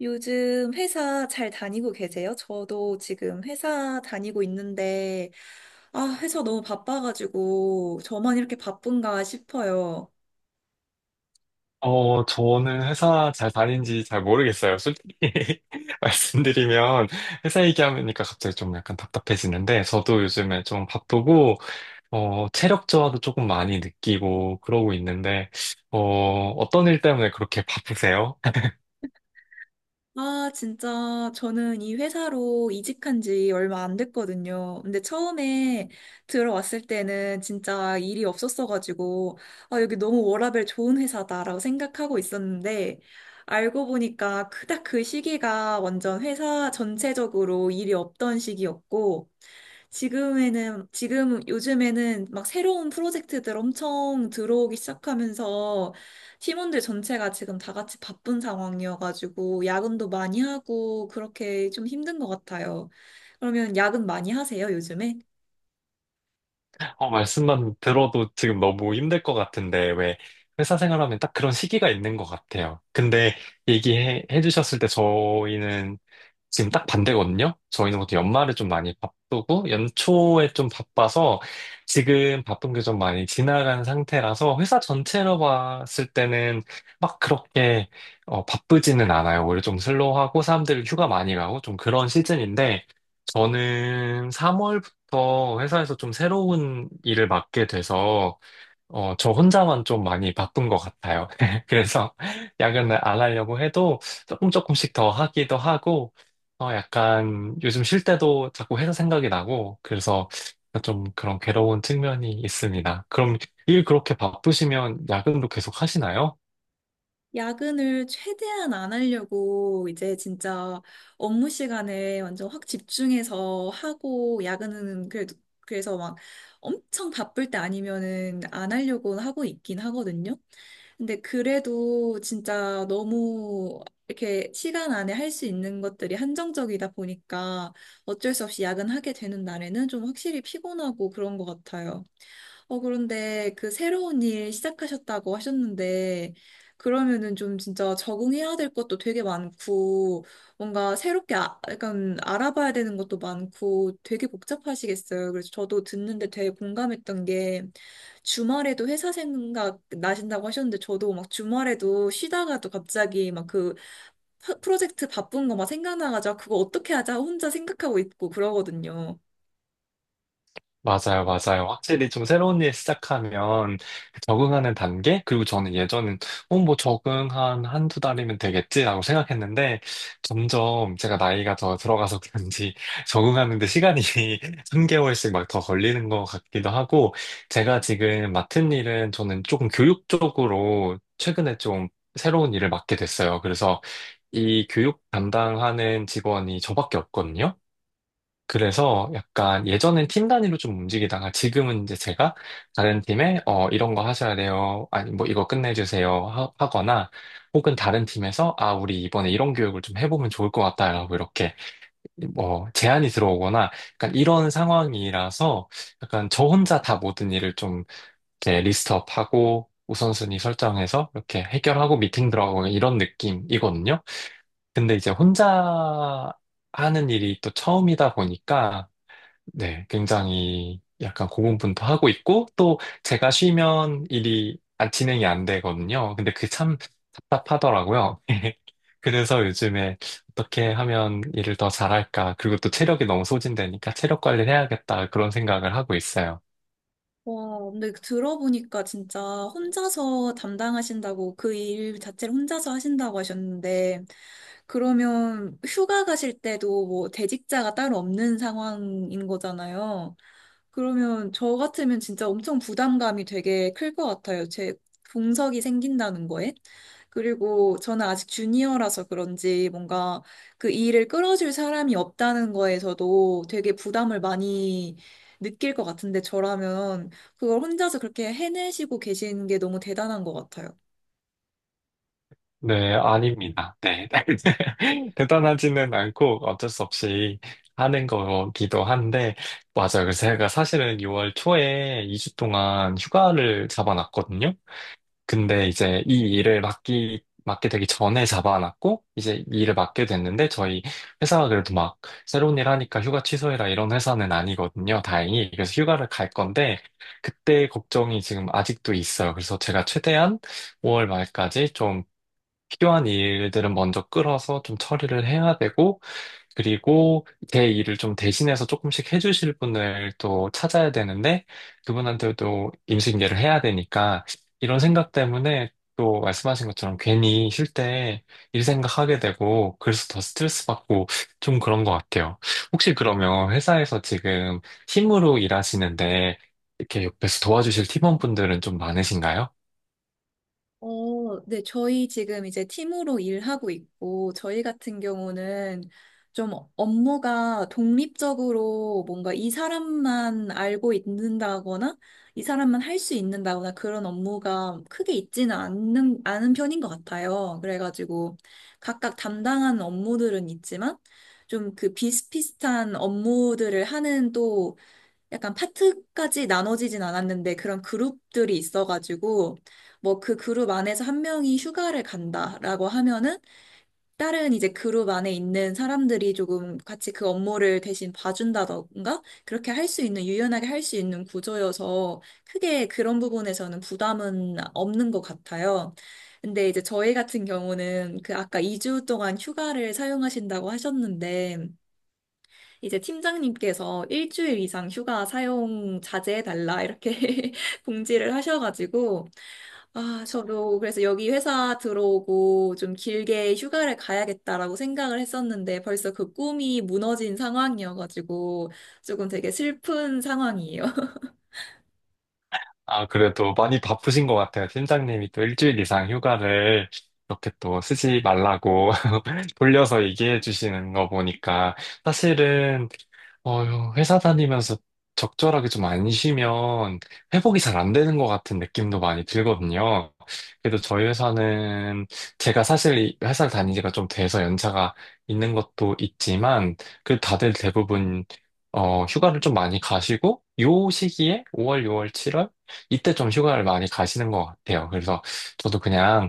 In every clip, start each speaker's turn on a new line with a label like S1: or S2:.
S1: 요즘 회사 잘 다니고 계세요? 저도 지금 회사 다니고 있는데, 아, 회사 너무 바빠가지고, 저만 이렇게 바쁜가 싶어요.
S2: 저는 회사 잘 다닌지 잘 모르겠어요. 솔직히 말씀드리면 회사 얘기하니까 갑자기 좀 약간 답답해지는데 저도 요즘에 좀 바쁘고 체력 저하도 조금 많이 느끼고 그러고 있는데 어떤 일 때문에 그렇게 바쁘세요?
S1: 아, 진짜, 저는 이 회사로 이직한 지 얼마 안 됐거든요. 근데 처음에 들어왔을 때는 진짜 일이 없었어가지고, 아, 여기 너무 워라밸 좋은 회사다라고 생각하고 있었는데, 알고 보니까 그닥 그 시기가 완전 회사 전체적으로 일이 없던 시기였고, 지금에는, 지금 요즘에는 막 새로운 프로젝트들 엄청 들어오기 시작하면서 팀원들 전체가 지금 다 같이 바쁜 상황이어가지고 야근도 많이 하고 그렇게 좀 힘든 것 같아요. 그러면 야근 많이 하세요, 요즘에?
S2: 말씀만 들어도 지금 너무 힘들 것 같은데, 왜 회사 생활하면 딱 그런 시기가 있는 것 같아요. 근데 얘기해 주셨을 때 저희는 지금 딱 반대거든요? 저희는 보통 연말에 좀 많이 바쁘고, 연초에 좀 바빠서 지금 바쁜 게 좀 많이 지나간 상태라서 회사 전체로 봤을 때는 막 그렇게 바쁘지는 않아요. 오히려 좀 슬로우하고 사람들 휴가 많이 가고 좀 그런 시즌인데, 저는 더 회사에서 좀 새로운 일을 맡게 돼서, 저 혼자만 좀 많이 바쁜 것 같아요. 그래서 야근을 안 하려고 해도 조금씩 더 하기도 하고, 약간 요즘 쉴 때도 자꾸 회사 생각이 나고, 그래서 좀 그런 괴로운 측면이 있습니다. 그럼 일 그렇게 바쁘시면 야근도 계속 하시나요?
S1: 야근을 최대한 안 하려고 이제 진짜 업무 시간에 완전 확 집중해서 하고 야근은 그래도 그래서 막 엄청 바쁠 때 아니면은 안 하려고 하고 있긴 하거든요. 근데 그래도 진짜 너무 이렇게 시간 안에 할 수 있는 것들이 한정적이다 보니까 어쩔 수 없이 야근하게 되는 날에는 좀 확실히 피곤하고 그런 것 같아요. 어, 그런데 그 새로운 일 시작하셨다고 하셨는데, 그러면은 좀 진짜 적응해야 될 것도 되게 많고, 뭔가 새롭게 아, 약간 알아봐야 되는 것도 많고, 되게 복잡하시겠어요. 그래서 저도 듣는데 되게 공감했던 게, 주말에도 회사 생각 나신다고 하셨는데, 저도 막 주말에도 쉬다가도 갑자기 막 그 프로젝트 바쁜 거 막 생각나가지고, 아, 그거 어떻게 하자 혼자 생각하고 있고 그러거든요.
S2: 맞아요, 맞아요. 확실히 좀 새로운 일 시작하면 그 적응하는 단계? 그리고 저는 예전엔, 적응 한 한 두 달이면 되겠지라고 생각했는데 점점 제가 나이가 더 들어가서 그런지 적응하는 데 시간이 한개월씩 막 더 걸리는 것 같기도 하고 제가 지금 맡은 일은 저는 조금 교육 쪽으로 최근에 좀 새로운 일을 맡게 됐어요. 그래서 이 교육 담당하는 직원이 저밖에 없거든요. 그래서 약간 예전엔 팀 단위로 좀 움직이다가 지금은 이제 제가 다른 팀에 이런 거 하셔야 돼요. 아니 뭐 이거 끝내주세요 하거나 혹은 다른 팀에서 우리 이번에 이런 교육을 좀 해보면 좋을 것 같다라고 이렇게 뭐 제안이 들어오거나 약간 이런 상황이라서 약간 저 혼자 다 모든 일을 좀 이렇게 리스트업하고 우선순위 설정해서 이렇게 해결하고 미팅 들어가고 뭐 이런 느낌이거든요. 근데 이제 혼자 하는 일이 또 처음이다 보니까 네, 굉장히 약간 고군분투하고 있고, 또 제가 쉬면 일이 안- 진행이 안 되거든요. 근데 그게 참 답답하더라고요. 그래서 요즘에 어떻게 하면 일을 더 잘할까, 그리고 또 체력이 너무 소진되니까 체력 관리를 해야겠다, 그런 생각을 하고 있어요.
S1: 와, 근데 들어보니까 진짜 혼자서 담당하신다고 그 일 자체를 혼자서 하신다고 하셨는데, 그러면 휴가 가실 때도 뭐 대직자가 따로 없는 상황인 거잖아요. 그러면 저 같으면 진짜 엄청 부담감이 되게 클 것 같아요. 제 공석이 생긴다는 거에. 그리고 저는 아직 주니어라서 그런지 뭔가 그 일을 끌어줄 사람이 없다는 거에서도 되게 부담을 많이 느낄 것 같은데 저라면 그걸 혼자서 그렇게 해내시고 계신 게 너무 대단한 것 같아요.
S2: 네, 아닙니다. 네. 대단하지는 않고 어쩔 수 없이 하는 거기도 한데, 맞아요. 그래서 제가 사실은 6월 초에 2주 동안 휴가를 잡아놨거든요. 근데 이제 이 맡게 되기 전에 잡아놨고, 이제 이 일을 맡게 됐는데, 저희 회사가 그래도 막 새로운 일 하니까 휴가 취소해라 이런 회사는 아니거든요, 다행히. 그래서 휴가를 갈 건데, 그때 걱정이 지금 아직도 있어요. 그래서 제가 최대한 5월 말까지 좀 필요한 일들은 먼저 끌어서 좀 처리를 해야 되고, 그리고 제 일을 좀 대신해서 조금씩 해주실 분을 또 찾아야 되는데, 그분한테도 임신계를 해야 되니까, 이런 생각 때문에 또 말씀하신 것처럼 괜히 쉴 때 일 생각하게 되고 그래서 더 스트레스 받고 좀 그런 것 같아요. 혹시 그러면 회사에서 지금 팀으로 일하시는데 이렇게 옆에서 도와주실 팀원분들은 좀 많으신가요?
S1: 어, 네, 저희 지금 이제 팀으로 일하고 있고, 저희 같은 경우는 좀 업무가 독립적으로 뭔가 이 사람만 알고 있는다거나, 이 사람만 할 수 있는다거나 그런 업무가 크게 있지는 않는, 않은 편인 것 같아요. 그래가지고 각각 담당하는 업무들은 있지만, 좀 그 비슷비슷한 업무들을 하는 또 약간 파트까지 나눠지진 않았는데 그런 그룹들이 있어가지고 뭐 그 그룹 안에서 한 명이 휴가를 간다라고 하면은 다른 이제 그룹 안에 있는 사람들이 조금 같이 그 업무를 대신 봐준다던가 그렇게 할 수 있는 유연하게 할 수 있는 구조여서 크게 그런 부분에서는 부담은 없는 것 같아요. 근데 이제 저희 같은 경우는 그 아까 2주 동안 휴가를 사용하신다고 하셨는데 이제 팀장님께서 일주일 이상 휴가 사용 자제해달라 이렇게 공지를 하셔가지고, 아, 저도 그래서 여기 회사 들어오고 좀 길게 휴가를 가야겠다라고 생각을 했었는데 벌써 그 꿈이 무너진 상황이어가지고 조금 되게 슬픈 상황이에요.
S2: 아, 그래도 많이 바쁘신 것 같아요. 팀장님이 또 일주일 이상 휴가를 이렇게 또 쓰지 말라고 돌려서 얘기해 주시는 거 보니까 사실은 어, 회사 다니면서 적절하게 좀 안 쉬면 회복이 잘 안 되는 것 같은 느낌도 많이 들거든요. 그래도 저희 회사는 제가 사실 이 회사를 다닌 지가 좀 돼서 연차가 있는 것도 있지만 그래도 다들 대부분 휴가를 좀 많이 가시고 요 시기에 5월, 6월, 7월 이때 좀 휴가를 많이 가시는 것 같아요. 그래서 저도 그냥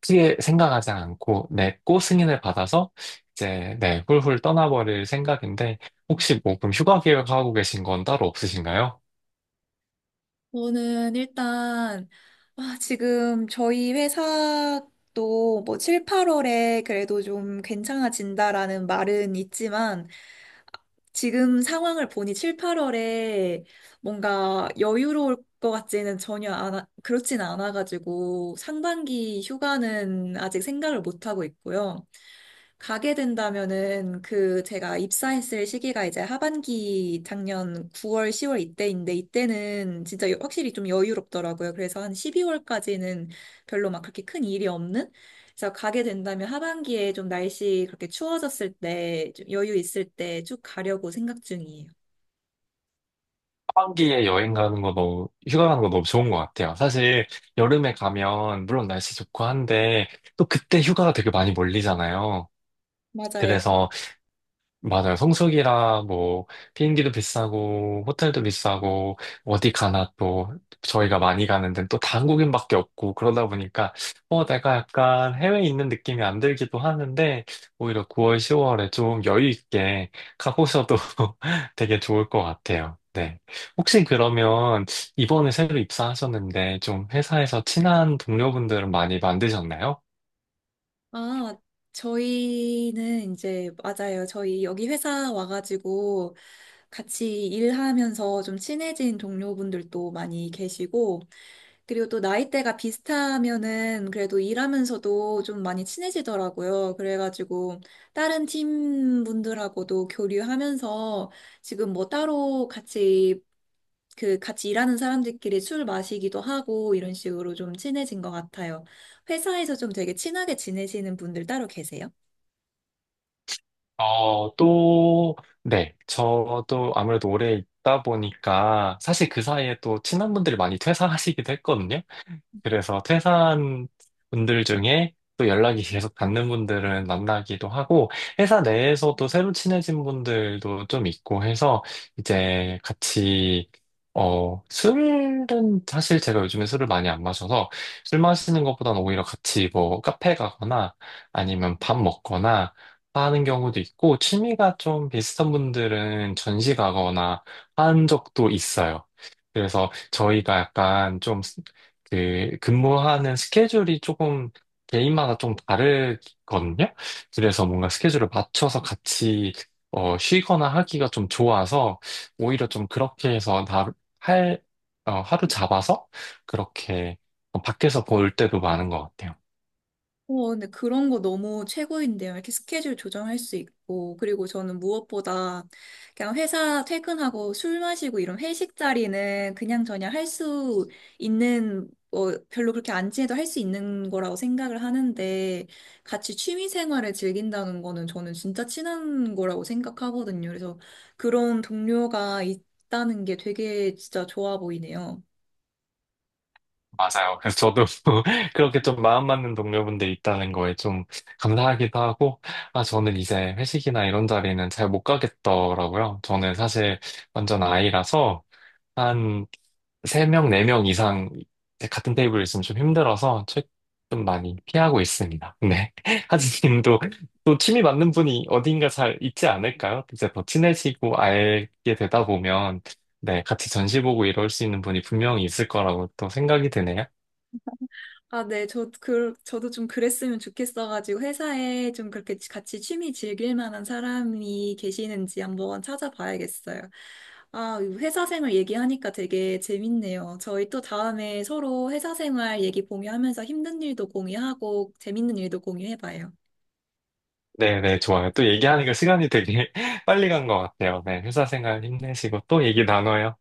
S2: 크게 생각하지 않고, 네, 꼭 승인을 받아서 이제, 네, 훌훌 떠나버릴 생각인데, 혹시 뭐 그럼 휴가 계획하고 계신 건 따로 없으신가요?
S1: 저는 일단, 아, 지금 저희 회사도 뭐 7, 8월에 그래도 좀 괜찮아진다라는 말은 있지만, 지금 상황을 보니 7, 8월에 뭔가 여유로울 것 같지는 전혀 안 그렇진 않아가지고 상반기 휴가는 아직 생각을 못 하고 있고요. 가게 된다면은 그 제가 입사했을 시기가 이제 하반기 작년 9월, 10월 이때인데 이때는 진짜 여- 확실히 좀 여유롭더라고요. 그래서 한 12월까지는 별로 막 그렇게 큰 일이 없는? 그래서 가게 된다면 하반기에 좀 날씨 그렇게 추워졌을 때, 좀 여유 있을 때 쭉 가려고 생각 중이에요.
S2: 하반기에 여행 가는 거 너무, 휴가 가는 거 너무 좋은 것 같아요. 사실 여름에 가면, 물론 날씨 좋고 한데, 또 그때 휴가가 되게 많이 몰리잖아요.
S1: 맞아요.
S2: 그래서 맞아요. 성수기라 뭐 비행기도 비싸고 호텔도 비싸고 어디 가나 또 저희가 많이 가는 데는 또 다 한국인밖에 없고 그러다 보니까 내가 약간 해외에 있는 느낌이 안 들기도 하는데 오히려 9월, 10월에 좀 여유 있게 가보셔도 되게 좋을 것 같아요. 네. 혹시 그러면 이번에 새로 입사하셨는데 좀 회사에서 친한 동료분들은 많이 만드셨나요?
S1: 아, 저희는 이제, 맞아요. 저희 여기 회사 와가지고 같이 일하면서 좀 친해진 동료분들도 많이 계시고, 그리고 또 나이대가 비슷하면은 그래도 일하면서도 좀 많이 친해지더라고요. 그래가지고 다른 팀분들하고도 교류하면서 지금 뭐 따로 같이 그 같이 일하는 사람들끼리 술 마시기도 하고 이런 식으로 좀 친해진 것 같아요. 회사에서 좀 되게 친하게 지내시는 분들 따로 계세요?
S2: 어, 또, 네. 저도 아무래도 오래 있다 보니까 사실 그 사이에 또 친한 분들이 많이 퇴사하시기도 했거든요. 그래서 퇴사한 분들 중에 또 연락이 계속 닿는 분들은 만나기도 하고, 회사 내에서도 새로 친해진 분들도 좀 있고 해서, 이제 같이, 어, 술은, 사실 제가 요즘에 술을 많이 안 마셔서, 술 마시는 것보다는 오히려 같이 뭐 카페 가거나, 아니면 밥 먹거나, 하는 경우도 있고, 취미가 좀 비슷한 분들은 전시 가거나 한 적도 있어요. 그래서 저희가 약간 좀 그 근무하는 스케줄이 조금 개인마다 좀 다르거든요. 그래서 뭔가 스케줄을 맞춰서 같이 쉬거나 하기가 좀 좋아서 오히려 좀 그렇게 해서 할, 하루 잡아서 그렇게 밖에서 볼 때도 많은 것 같아요.
S1: 어, 근데 그런 거 너무 최고인데요. 이렇게 스케줄 조정할 수 있고, 그리고 저는 무엇보다 그냥 회사 퇴근하고 술 마시고 이런 회식 자리는 그냥 저냥 할 수 있는, 어, 별로 그렇게 안 친해도 할 수 있는 거라고 생각을 하는데, 같이 취미 생활을 즐긴다는 거는 저는 진짜 친한 거라고 생각하거든요. 그래서 그런 동료가 있다는 게 되게 진짜 좋아 보이네요.
S2: 맞아요. 그래서 저도 그렇게 좀 마음 맞는 동료분들 있다는 거에 좀 감사하기도 하고, 아, 저는 이제 회식이나 이런 자리는 잘 못 가겠더라고요. 저는 사실 완전 아이라서 한 3명, 4명 이상 같은 테이블에 있으면 좀 힘들어서 책 좀 많이 피하고 있습니다. 네. 하진님도 또 취미 맞는 분이 어딘가 잘 있지 않을까요? 이제 더 친해지고 알게 되다 보면 네, 같이 전시 보고 이럴 수 있는 분이 분명히 있을 거라고 또 생각이 드네요.
S1: 아, 네, 저, 그, 저도 좀 그랬으면 좋겠어가지고, 회사에 좀 그렇게 같이 취미 즐길 만한 사람이 계시는지 한번 찾아봐야겠어요. 아, 이 회사 생활 얘기하니까 되게 재밌네요. 저희 또 다음에 서로 회사 생활 얘기 공유하면서 힘든 일도 공유하고, 재밌는 일도 공유해봐요.
S2: 네네, 좋아요. 또 얘기하니까 시간이 되게 빨리 간 것 같아요. 네, 회사 생활 힘내시고 또 얘기 나눠요.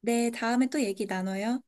S1: 네, 다음에 또 얘기 나눠요.